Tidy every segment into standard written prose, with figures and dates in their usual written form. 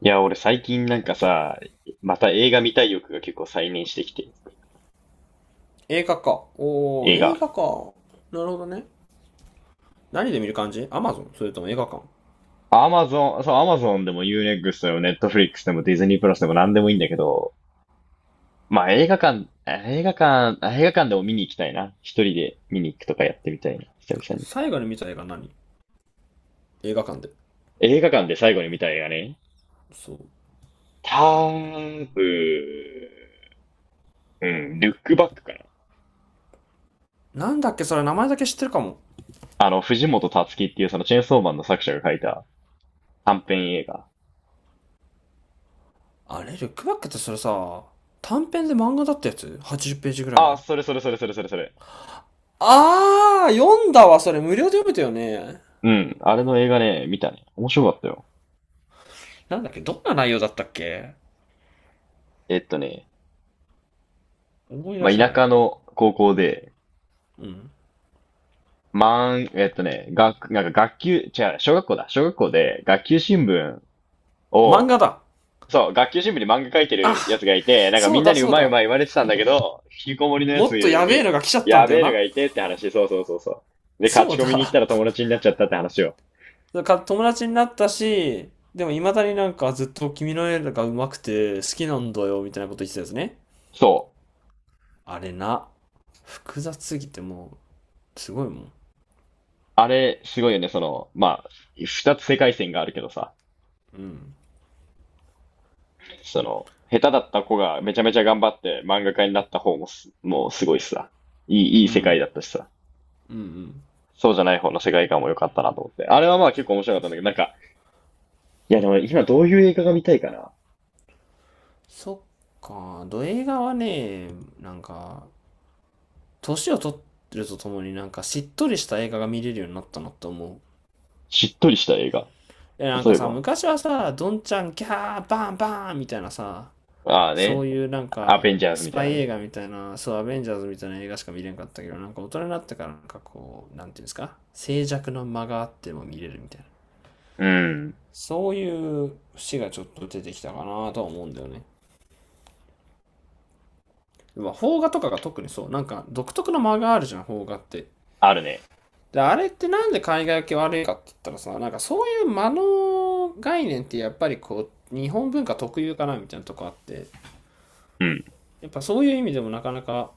いや、俺最近なんかさ、また映画見たい欲が結構再燃してきて、映画か。おー、映映画。画か。なるほどね。何で見る感じ？アマゾン、それとも映画館？アマゾン、そう、アマゾンでも U-NEXT でも Netflix でもディズニープラスでも何でもいいんだけど、まあ映画館でも見に行きたいな。一人で見に行くとかやってみたいな、久々に。最後に見た映画何？映画館で。映画館で最後に見た映画ね。そう。多分、うん、ルックバックかな。なんだっけ？それ、名前だけ知ってるかも。藤本つ樹っていうそのチェーンソーマンの作者が書いた短編映画。あれルックバックってそれさ、短編で漫画だったやつ？ 80 ページぐらいあ、の。それそれそれそれそれそれ。あー、読んだわ。それ無料で読めたよね。うん、あれの映画ね、見たね。面白かったよ。なんだっけ、どんな内容だったっけ？えっとね、思い出まあ、せ田ない。舎の高校で、うん。なんか学級、違う、小学校だ。小学校で学級新聞漫を、画だ。そう、学級新聞に漫画書いてあ、るやつがいて、なんかみそうんなだにうそうまいうだ。まい言われてたんだけど、引きこもりのやもつっとやべえのに、が来ちゃったんやだよべえのな。がいてって話、そうそうそうそう。で、勝そうち込みに行っだ。たら友達になっちゃったって話を。か友達になったし、でも未だにずっと君の絵が上手くて好きなんだよみたいなこと言ってたんですね。そう。あれな、複雑すぎてもすごいもん。あれ、すごいよね、その、まあ、二つ世界線があるけどさ。うん。その、下手だった子がめちゃめちゃ頑張って漫画家になった方ももうすごいしさ。いい、いういん。う世ん界だったしさ。うん。そうじゃない方の世界観も良かったなと思って。あれはまあ結構面白かったんだけど、なんか、いやでも今どういう映画が見たいかな。そっか、ド映画はね、なんか、年を取ってるとともにしっとりした映画が見れるようになったなと思う。しっとりした映画。え、なん例かえさ、ば。昔はさ、どんちゃんキャーバンバンみたいなさ、ああそね。ういうアベンジャーズスみたいパなイね。映画みたいな、そう、アベンジャーズみたいな映画しか見れんかったけど、なんか大人になってからこう、なんていうんですか、静寂の間があっても見れるみたいな。うん。そういう節がちょっと出てきたかなとは思うんだよね。まあ、邦画とかが特にそう、なんか独特の間があるじゃん、邦画って。あるね。で、あれってなんで海外系け悪いかって言ったらさ、なんかそういう間の概念ってやっぱりこう、日本文化特有かなみたいなとこあって、うん。やっぱそういう意味でもなかなか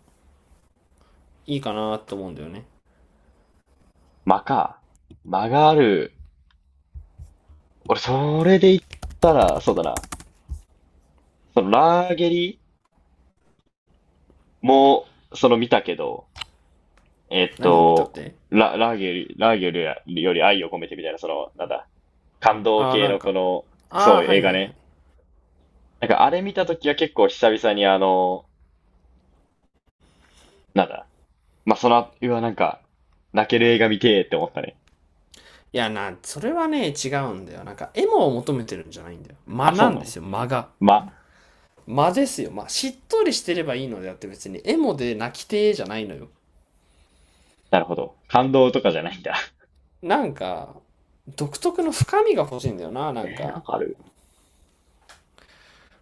いいかなと思うんだよね。間か。間がある。俺、それで言ったら、そうだな。その、ラーゲリも、その見たけど、えっ何を見たっと、て？ラーゲルより愛を込めてみたいな、その、なんだ、感動ああ、系なんのこか。の、あそあ、う、は映いは画いはい。いね。なんかあれ見たときは結構久々にあの、なんだ、まあ、その、うわ、なんか、泣ける映画見てーって思ったね。や、な、それはね、違うんだよ。なんか、エモを求めてるんじゃないんだよ。間あ、なそうんなでのすよ、間が。ま、間ですよ。まあ、しっとりしてればいいのであって別に、エモで泣きてーじゃないのよ。なるほど。感動とかじゃないんだ。なんか、独特の深みが欲しいんだよな、なんなんか。かある？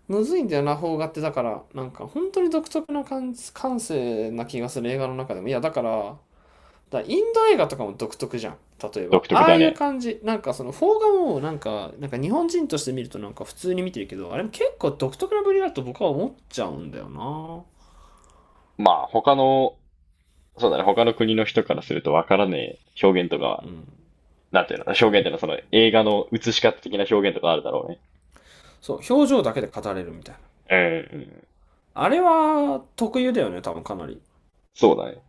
むずいんだよな、邦画って。だから、なんか、本当に独特な感感性な気がする、映画の中でも。いや、だから、だインド映画とかも独特じゃん。例えば。独特ああだいうね。感じ。なんかその、フォーガもなんか、なんか日本人として見るとなんか普通に見てるけど、あれも結構独特なぶりだと僕は思っちゃうんだよな。まあ、他の、そうだね、他の国の人からするとわからねえ表現とかうん。なんていうの、表現そっていうのう。はその映画の映し方的な表現とかあるだろうね。そう、表情だけで語れるみたいな。うん、うん。あれは特有だよね、多分かなり。そうだね。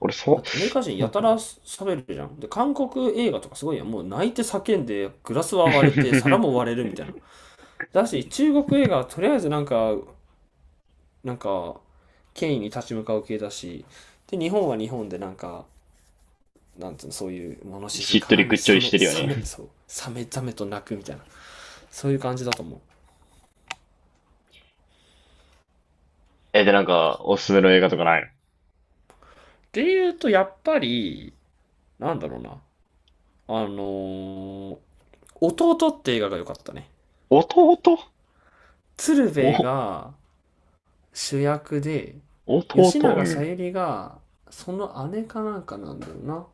俺、だってアメリカ人そやうたらか。喋るじゃん。で、韓国映画とかすごいやん。もう泣いて叫んで、グラスは割れて、皿も割れ るみたいな。だし、中国映画はとりあえずなんか、なんか権威に立ち向かう系だし、で日本は日本でなんか、なんつうの、そういう物静しっとかりぐにっちょサりしメてるよサね。メ、そうサメザメと鳴くみたいな、そういう感じだと思う。え、で、なんか、おすすめの映画とかない？でいうとやっぱり、なんだろうな、あのー弟って映画が良かったね。の弟鶴お、瓶が主役で、弟吉う永小ん。百合がその姉かなんかなんだよな。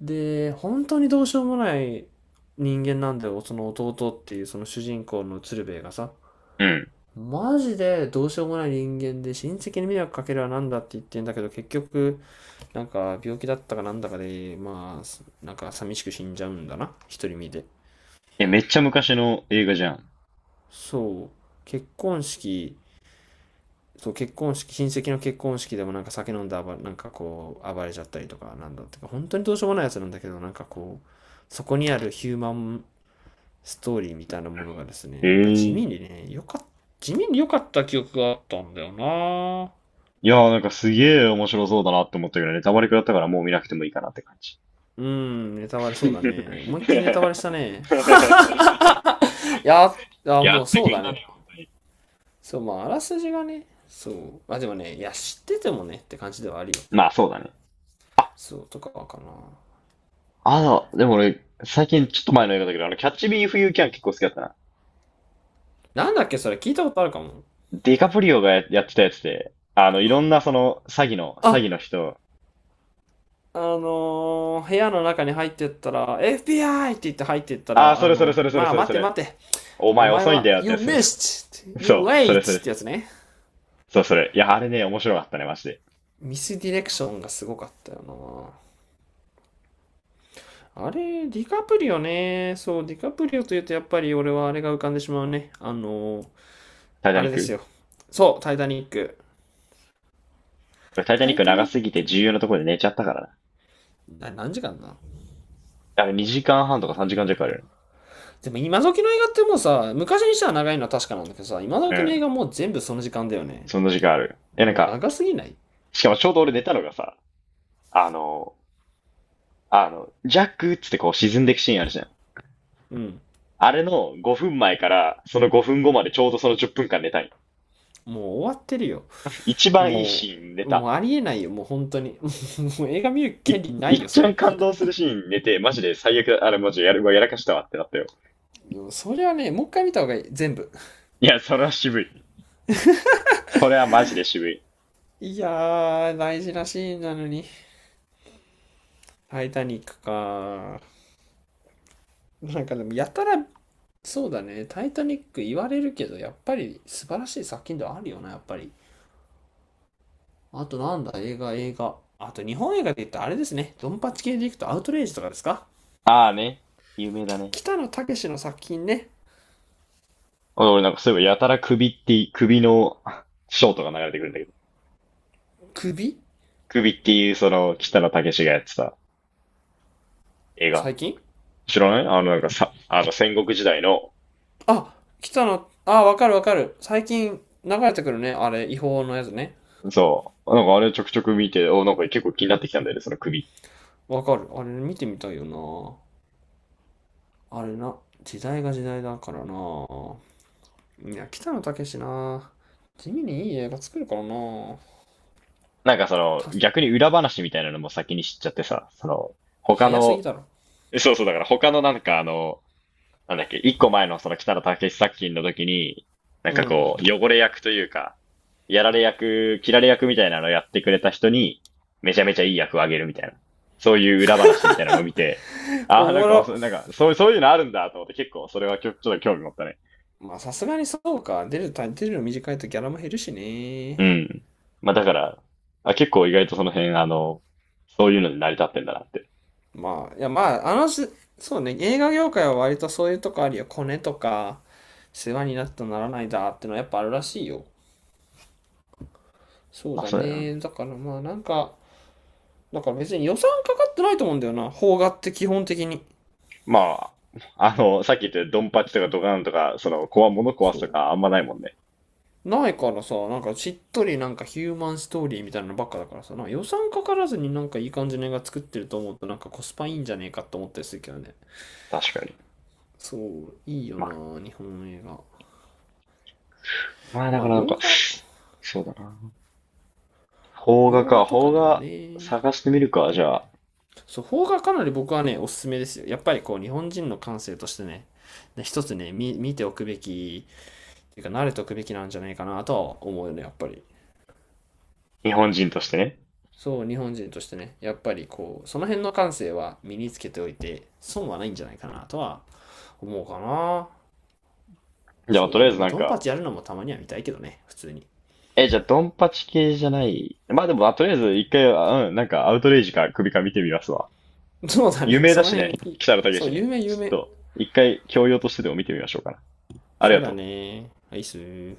で、本当にどうしようもない人間なんだよ、その弟っていうその主人公の鶴瓶がさ。うん。マジでどうしようもない人間で、親戚に迷惑かけるはなんだって言ってんだけど、結局なんか病気だったかなんだかで、まあなんか寂しく死んじゃうんだな、独り身で。え、めっちゃ昔の映画じゃん。そう、結婚式、そう結婚式、親戚の結婚式でもなんか酒飲んで暴れ、なんかこう暴れちゃったりとかなんだってか、本当にどうしようもないやつなんだけど、なんかこうそこにあるヒューマンストーリーみたいなものがですえね、なんかえ、地味いにね、よかっ地味に良かった記憶があったんだよな。やー、なんかすげえ面白そうだなって思ったけどね、ネタバレくらったからもう見なくてもいいかなって感じ。うん、ネタバレそうだね。思いっきりネタバレしたね。いや、あ、やもうってそくうれだたね。ね、本当に。そう、まあ、あらすじがね、そう。まあでもね、いや、知っててもねって感じではあるよ。まあ、そうだね。あ、そう、とかかな。でも俺、最近ちょっと前の映画だけど、キャッチビーフユーキャン結構好きだったな。なんだっけ、それ聞いたことあるかも。ディカプリオがやってたやつで、いろんなその、詐欺の、詐あ、欺の人、部屋の中に入ってったら、FBI！ って言って入ってったああ、ら、あそれそれの、それそれまあそれ待そてれ、待て、おお前前遅いんだは、よって You やつ。missed! You そう、それそ late! れ、ってやつね。そうそれ。いや、あれね、面白かったね、マジで。ミスディレクションがすごかったよな。あれ、ディカプリオね。そう、ディカプリオというとやっぱり俺はあれが浮かんでしまうね。あの、タイタあニッれですク。よ。そう、タイタニック。俺、タイタタニッイクタ長ニッすぎてク重要ね。なところで寝ちゃったからな。な、何時間だ？あれ、2時間半とか3時間弱あるよね。でも今時の映画ってもうさ、昔にしたら長いのは確かなんだけどさ、今う時の映ん、画もう全部その時間だよね。そんな時間ある？え、なんか、長すぎない？しかもちょうど俺寝たのがさ、あの、ジャックっつってこう沈んでいくシーンあるじゃん。うん。あれの5分前から、その5分後までちょうどその10分間寝たい。もう終わってるよ。一番いいもシーン寝もた。うありえないよ。もう本当に。もう映画見るい、権利ないっいよ、ちそゃれ。ん感動するシーン寝て、マジで最悪だ、あれマジやる、うわやらかしたわってなったよ。それはね、もう一回見た方がいい。全部。いや、それは渋い。それはマジで渋い。いやー、大事なシーンなのに。タイタニックか。なんかでも、やたら、そうだね。タイタニック言われるけど、やっぱり素晴らしい作品ではあるよな、やっぱり。あとなんだ、映画、映画。あと日本映画で言ったらあれですね。ドンパチ系でいくとアウトレイジとかですか？ああね。有名だね。北野武の作品ね。俺なんかそういえばやたら首ってい、首のショートが流れてくるんだけど。首？首っていうその北野武がやってた映画。最近？知らない。なんかさ、あの戦国時代の、あ、北野、あ、わかるわかる。最近流れてくるね。あれ、違法のやつね。そう。なんかあれちょくちょく見て、お、なんか結構気になってきたんだよね、その首。わかる。あれ見てみたいよな。あれな、時代が時代だからな。いや、北野武な。地味にいい映画作るからな。なんかその、た、逆に裏話みたいなのも先に知っちゃってさ、その、他早すぎの、だろ。そうそう、だから他のなんかなんだっけ、一個前のその北野武作品の時に、なんうかん。こう、汚れ役というか、やられ役、切られ役みたいなのをやってくれた人に、めちゃめちゃいい役をあげるみたいな。そういう裏話みたいなのを見て、あおあ、なんもか、そろ。うなんか、そう、そういうのあるんだと思って結構それはちょっと興味持ったね。まあ、さすがにそうか。出るタイ、出るの短いとギャラも減るしね。うん。まあだから、あ、結構意外とその辺、そういうので成り立ってんだなって。まあ、いや、まあ、あのし、そうね、映画業界は割とそういうとこあるよ。コネとか、世話になったならないだってのはやっぱあるらしいよ。そうまあだそうだよね。な。だからまあ、なんか、だから別に予算かかってないと思うんだよな、邦画って基本的に。まあ、さっき言ったようにドンパチとかドカンとか、その、物壊そすとう。かあんまないもんね。ないからさ、なんかしっとりなんかヒューマンストーリーみたいなのばっかだからさ、なんか予算かからずになんかいい感じの映画作ってると思うとなんかコスパいいんじゃねえかって思ったりするけどね。確かに。そう、いいよまあ、な、日本の映画。だまかあ、らなん洋か、画、そうだな。邦画洋か、画とか邦でも画ね。探してみるか、じゃあ、そう、邦画かなり僕はね、おすすめですよ。やっぱりこう、日本人の感性としてね、ね一つね、見、見ておくべき、っていうか、慣れておくべきなんじゃないかなとは思うよね、やっぱり。日本人としてね。そう、日本人としてね、やっぱりこう、その辺の感性は身につけておいて、損はないんじゃないかなとは思うかな。じゃあ、そうとだりあえね。ずまあ、なんドンパか、チやるのもたまには見たいけどね、普通に。え、じゃあ、ドンパチ系じゃない。まあでも、まあ、とりあえず一回は、うん、なんか、アウトレイジか首か見てみますわ。そうだ有ね。名そだのし辺、ね、北野武ね。そう、ちょ有名、有っ名。と、一回、教養としてでも見てみましょうかな。ありそうがだとう。ね。アイスー。